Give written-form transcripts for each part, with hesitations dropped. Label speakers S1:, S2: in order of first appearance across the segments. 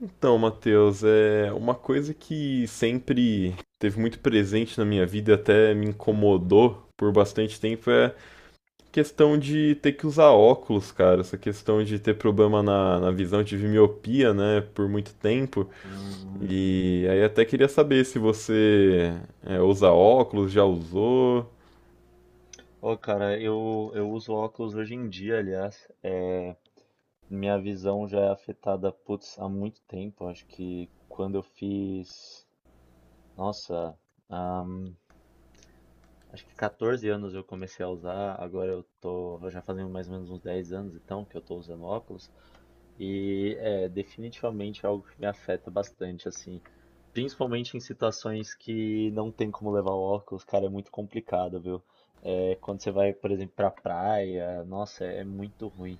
S1: Então, Matheus, é uma coisa que sempre teve muito presente na minha vida e até me incomodou por bastante tempo é a questão de ter que usar óculos, cara. Essa questão de ter problema na visão, tive miopia, né, por muito tempo.
S2: Hum.
S1: E aí até queria saber se você usa óculos, já usou.
S2: Ô, cara, eu uso óculos hoje em dia, aliás. É, minha visão já é afetada, putz, há muito tempo. Acho que quando eu fiz. Nossa, ahn, Acho que 14 anos eu comecei a usar. Agora eu tô. Já fazem mais ou menos uns 10 anos então que eu tô usando óculos. É definitivamente é algo que me afeta bastante, assim. Principalmente em situações que não tem como levar o óculos, cara, é muito complicado, viu? É, quando você vai, por exemplo, pra praia, nossa, é muito ruim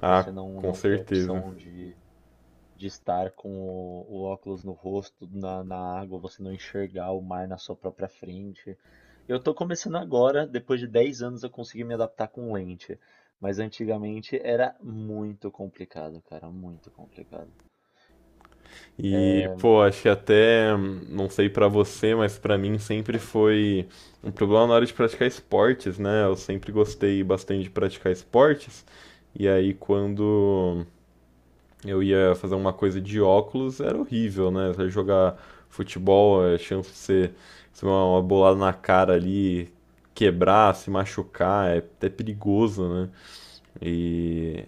S1: Ah,
S2: você não,
S1: com
S2: não ter
S1: certeza.
S2: opção de estar com o óculos no rosto, na água, você não enxergar o mar na sua própria frente. Eu tô começando agora, depois de 10 anos eu consegui me adaptar com lente, mas antigamente era muito complicado, cara, muito complicado.
S1: E, pô, acho que até, não sei pra você, mas pra mim sempre foi um problema na hora de praticar esportes, né? Eu sempre gostei bastante de praticar esportes. E aí, quando eu ia fazer uma coisa de óculos, era horrível, né? Você jogar futebol, a chance de você receber uma bolada na cara ali, quebrar, se machucar, é até perigoso, né? E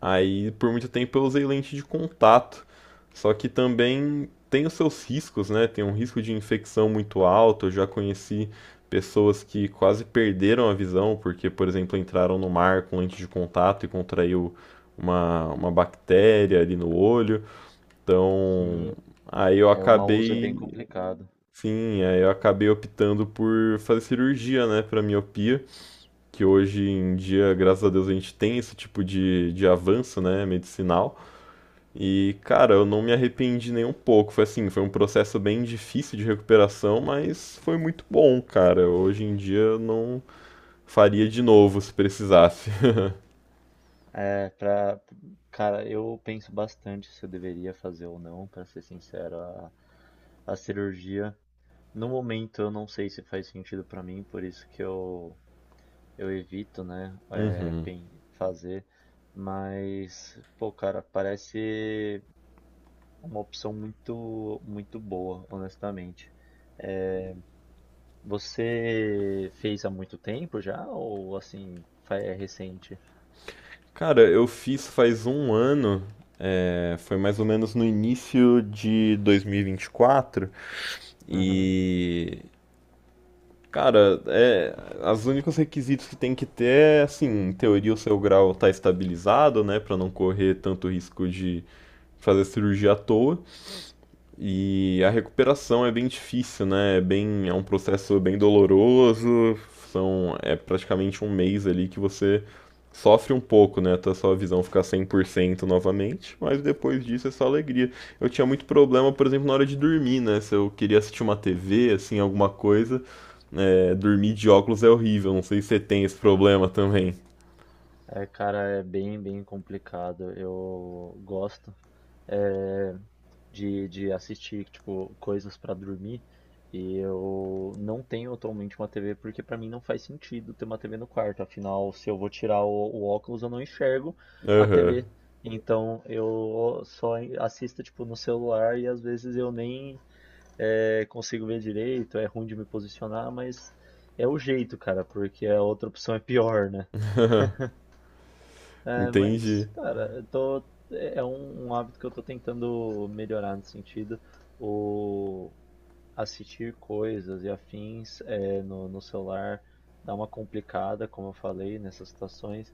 S1: aí por muito tempo eu usei lente de contato, só que também tem os seus riscos, né? Tem um risco de infecção muito alto. Eu já conheci pessoas que quase perderam a visão porque, por exemplo, entraram no mar com lente de contato e contraiu uma bactéria ali no olho. Então,
S2: Sim.
S1: aí eu
S2: É, o mau uso é bem
S1: acabei,
S2: complicado.
S1: sim, aí eu acabei optando por fazer cirurgia, né, para miopia, que hoje em dia, graças a Deus, a gente tem esse tipo de avanço, né, medicinal. E, cara, eu não me arrependi nem um pouco. Foi assim, foi um processo bem difícil de recuperação, mas foi muito bom, cara. Hoje em dia eu não faria de novo se precisasse.
S2: É, pra, cara, eu penso bastante se eu deveria fazer ou não, pra ser sincero, a cirurgia. No momento eu não sei se faz sentido pra mim, por isso que eu evito, né, é, fazer, mas, pô, cara, parece uma opção muito, muito boa, honestamente. É, você fez há muito tempo já, ou assim, é recente?
S1: Cara, eu fiz faz um ano, foi mais ou menos no início de 2024. E. vinte
S2: Aham.
S1: e quatro, e. Cara, os únicos requisitos que tem que ter é, assim, em teoria o seu grau tá estabilizado, né, pra não correr tanto risco de fazer cirurgia à toa. E a recuperação é bem difícil, né? É bem, é um processo bem doloroso. São, é praticamente um mês ali que você sofre um pouco, né? Até a sua visão ficar 100% novamente, mas depois disso é só alegria. Eu tinha muito problema, por exemplo, na hora de dormir, né? Se eu queria assistir uma TV, assim, alguma coisa, dormir de óculos é horrível. Não sei se você tem esse problema também.
S2: É, cara, é bem, bem complicado. Eu gosto. Eh, de assistir, tipo, coisas pra dormir. E eu não tenho atualmente uma TV porque pra mim não faz sentido ter uma TV no quarto. Afinal, se eu vou tirar o óculos, eu não enxergo a
S1: Aham,
S2: TV. Então eu só assisto tipo no celular e às vezes eu nem consigo ver direito, é ruim de me posicionar, mas é o jeito, cara, porque a outra opção é pior, né? É,
S1: entendi.
S2: mas, cara, eu tô, é um, um hábito que eu tô tentando melhorar nesse sentido. O assistir coisas e afins é, no, no celular dá uma complicada, como eu falei, nessas situações.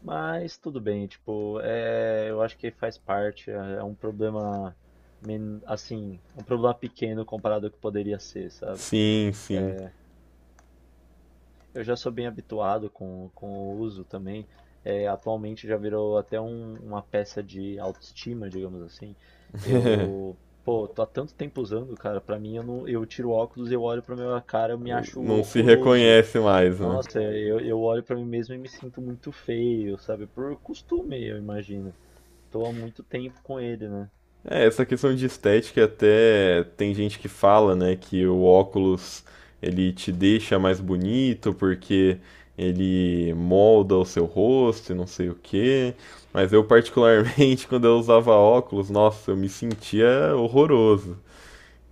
S2: Mas tudo bem, tipo, é, eu acho que faz parte, é, é um problema, assim, um problema pequeno comparado ao que poderia ser, sabe?
S1: Sim, sim.
S2: Eu já sou bem habituado com o uso também. É, atualmente já virou até uma peça de autoestima, digamos assim. Eu, pô, tô há tanto tempo usando, cara. Pra mim, eu não, eu tiro o óculos, eu olho pra minha cara, eu me acho
S1: Não se
S2: horroroso.
S1: reconhece mais, né?
S2: Nossa, eu olho pra mim mesmo e me sinto muito feio, sabe? Por costume, eu imagino. Tô há muito tempo com ele, né?
S1: É, essa questão de estética até tem gente que fala, né, que o óculos ele te deixa mais bonito porque ele molda o seu rosto e não sei o quê. Mas eu particularmente quando eu usava óculos, nossa, eu me sentia horroroso.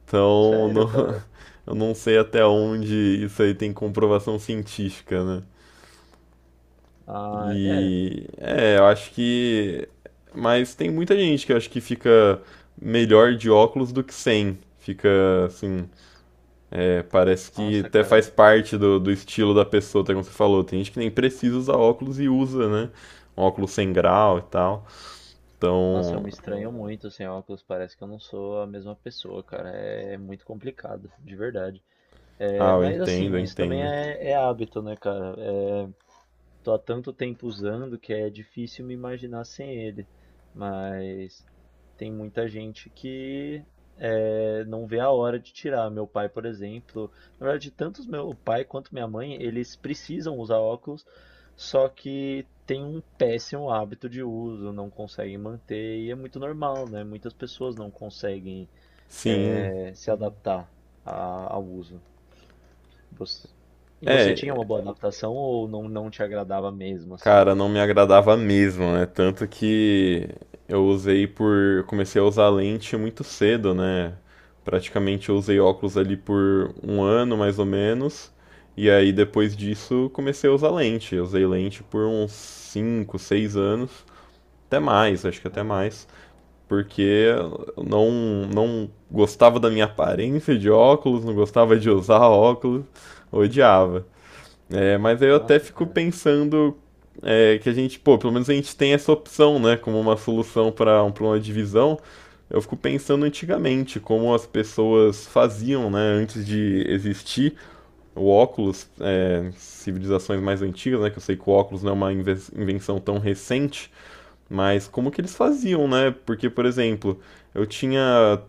S1: Então,
S2: Sério,
S1: não,
S2: cara.
S1: eu não sei até onde isso aí tem comprovação científica, né?
S2: Ah, é.
S1: E eu acho que. Mas tem muita gente que eu acho que fica melhor de óculos do que sem. Fica assim. Parece que
S2: Nossa,
S1: até faz
S2: cara.
S1: parte do estilo da pessoa, até como você falou. Tem gente que nem precisa usar óculos e usa, né? Um óculos sem grau e tal.
S2: Nossa, eu
S1: Então.
S2: me estranho muito sem óculos, parece que eu não sou a mesma pessoa, cara. É muito complicado, de verdade. É,
S1: Ah, eu
S2: mas
S1: entendo, eu
S2: assim, isso também
S1: entendo.
S2: é, é hábito, né, cara? É, tô há tanto tempo usando que é difícil me imaginar sem ele. Mas tem muita gente que não vê a hora de tirar. Meu pai, por exemplo, na verdade, tanto meu pai quanto minha mãe, eles precisam usar óculos, só que tem um péssimo hábito de uso, não conseguem manter, e é muito normal, né? Muitas pessoas não conseguem
S1: Sim.
S2: se adaptar ao uso. Você, você tinha uma
S1: É,
S2: boa adaptação ou não, não te agradava mesmo, assim?
S1: cara, não me agradava mesmo, né? Tanto que eu usei por. Eu comecei a usar lente muito cedo, né? Praticamente eu usei óculos ali por um ano mais ou menos. E aí depois disso comecei a usar lente. Eu usei lente por uns 5, 6 anos. Até mais, acho que até mais. Porque eu não gostava da minha aparência de óculos, não gostava de usar óculos, odiava. É, mas aí eu até
S2: Nossa,
S1: fico
S2: cara.
S1: pensando que a gente, pô, pelo menos a gente tem essa opção, né, como uma solução para um problema de visão. Eu fico pensando antigamente como as pessoas faziam, né, antes de existir o óculos, civilizações mais antigas, né, que eu sei que o óculos não é uma invenção tão recente, mas como que eles faziam, né? Porque, por exemplo, eu tinha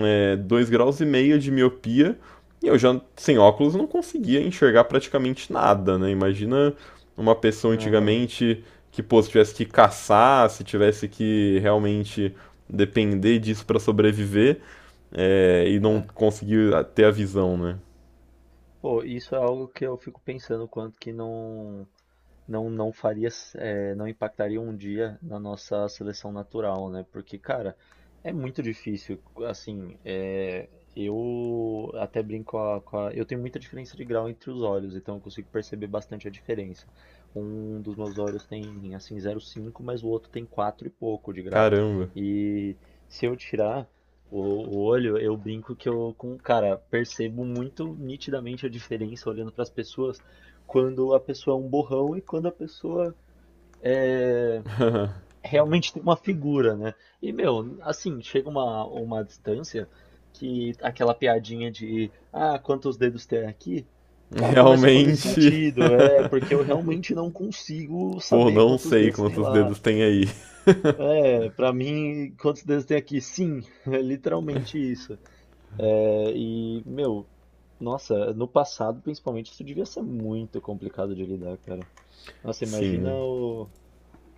S1: 2 graus e meio de miopia e eu já, sem óculos, não conseguia enxergar praticamente nada, né? Imagina uma pessoa
S2: Aham.
S1: antigamente que, pô, se tivesse que caçar, se tivesse que realmente depender disso para sobreviver, e não conseguir ter a visão, né?
S2: Pô, isso é algo que eu fico pensando, quanto que não faria, não impactaria um dia na nossa seleção natural, né? Porque, cara, é muito difícil. Assim, eh, eu até brinco Eu tenho muita diferença de grau entre os olhos, então eu consigo perceber bastante a diferença. Um dos meus olhos tem, assim, 0,5 mas o outro tem 4 e pouco de grau.
S1: Caramba.
S2: E se eu tirar. O, o olho, eu brinco que eu, com, cara, percebo muito nitidamente a diferença olhando para as pessoas, quando a pessoa é um borrão e quando a pessoa realmente tem uma figura, né? E, meu, assim, chega uma distância que aquela piadinha de, ah, quantos dedos tem aqui? Cara, começa a fazer
S1: Realmente,
S2: sentido, é, porque eu realmente não consigo
S1: pô,
S2: saber
S1: não
S2: quantos
S1: sei
S2: dedos tem
S1: quantos
S2: lá.
S1: dedos tem aí.
S2: É, para mim, quantos dedos tem aqui? Sim, é literalmente isso. É, e, meu, nossa, no passado, principalmente, isso devia ser muito complicado de lidar, cara. Nossa, imagina
S1: Sim,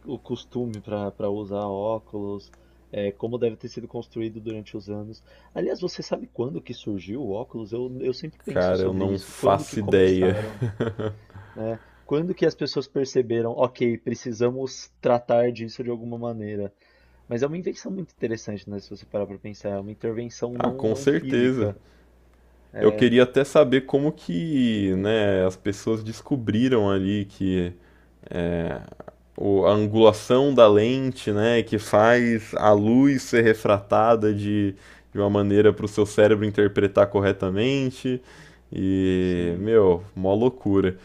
S2: o costume para usar óculos, é, como deve ter sido construído durante os anos. Aliás, você sabe quando que surgiu o óculos? Eu sempre penso
S1: cara, eu
S2: sobre
S1: não
S2: isso. Quando que
S1: faço ideia.
S2: começaram, né? Quando que as pessoas perceberam, ok, precisamos tratar disso de alguma maneira. Mas é uma invenção muito interessante, né? Se você parar para pensar, é uma intervenção
S1: Ah, com
S2: não
S1: certeza.
S2: física.
S1: Eu
S2: É,
S1: queria até saber como que, né, as pessoas descobriram ali que a angulação da lente, né, que faz a luz ser refratada de uma maneira para o seu cérebro interpretar corretamente. E,
S2: sim.
S1: meu, mó loucura.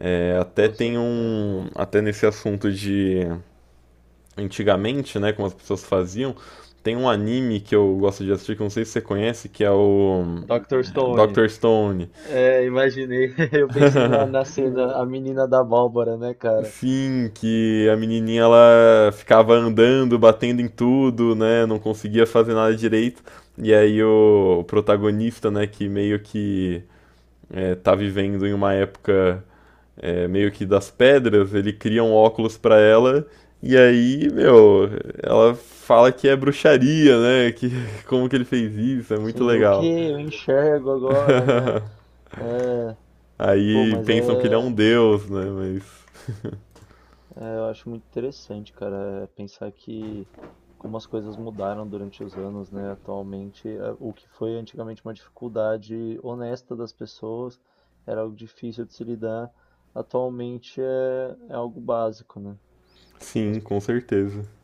S1: Até
S2: Poxa,
S1: tem
S2: é.
S1: um, até nesse assunto de antigamente, né, como as pessoas faziam, tem um anime que eu gosto de assistir, que eu não sei se você conhece, que é o
S2: Dr. Stone.
S1: Dr. Stone.
S2: É, imaginei. Eu pensei na cena, a menina da Bárbara, né, cara?
S1: Sim, que a menininha ela ficava andando, batendo em tudo, né, não conseguia fazer nada direito. E aí o protagonista, né, que meio que tá vivendo em uma época meio que das pedras, ele cria um óculos pra ela. E aí, meu, ela fala que é bruxaria, né? Que como que ele fez isso? É muito
S2: Sim, o que
S1: legal.
S2: eu enxergo agora, né? É, pô,
S1: Aí
S2: mas é,
S1: pensam que ele é um deus, né? Mas
S2: eu acho muito interessante, cara, é pensar que como as coisas mudaram durante os anos, né? Atualmente, é, o que foi antigamente uma dificuldade honesta das pessoas, era algo difícil de se lidar, atualmente é, é algo básico, né?
S1: sim,
S2: As
S1: com certeza.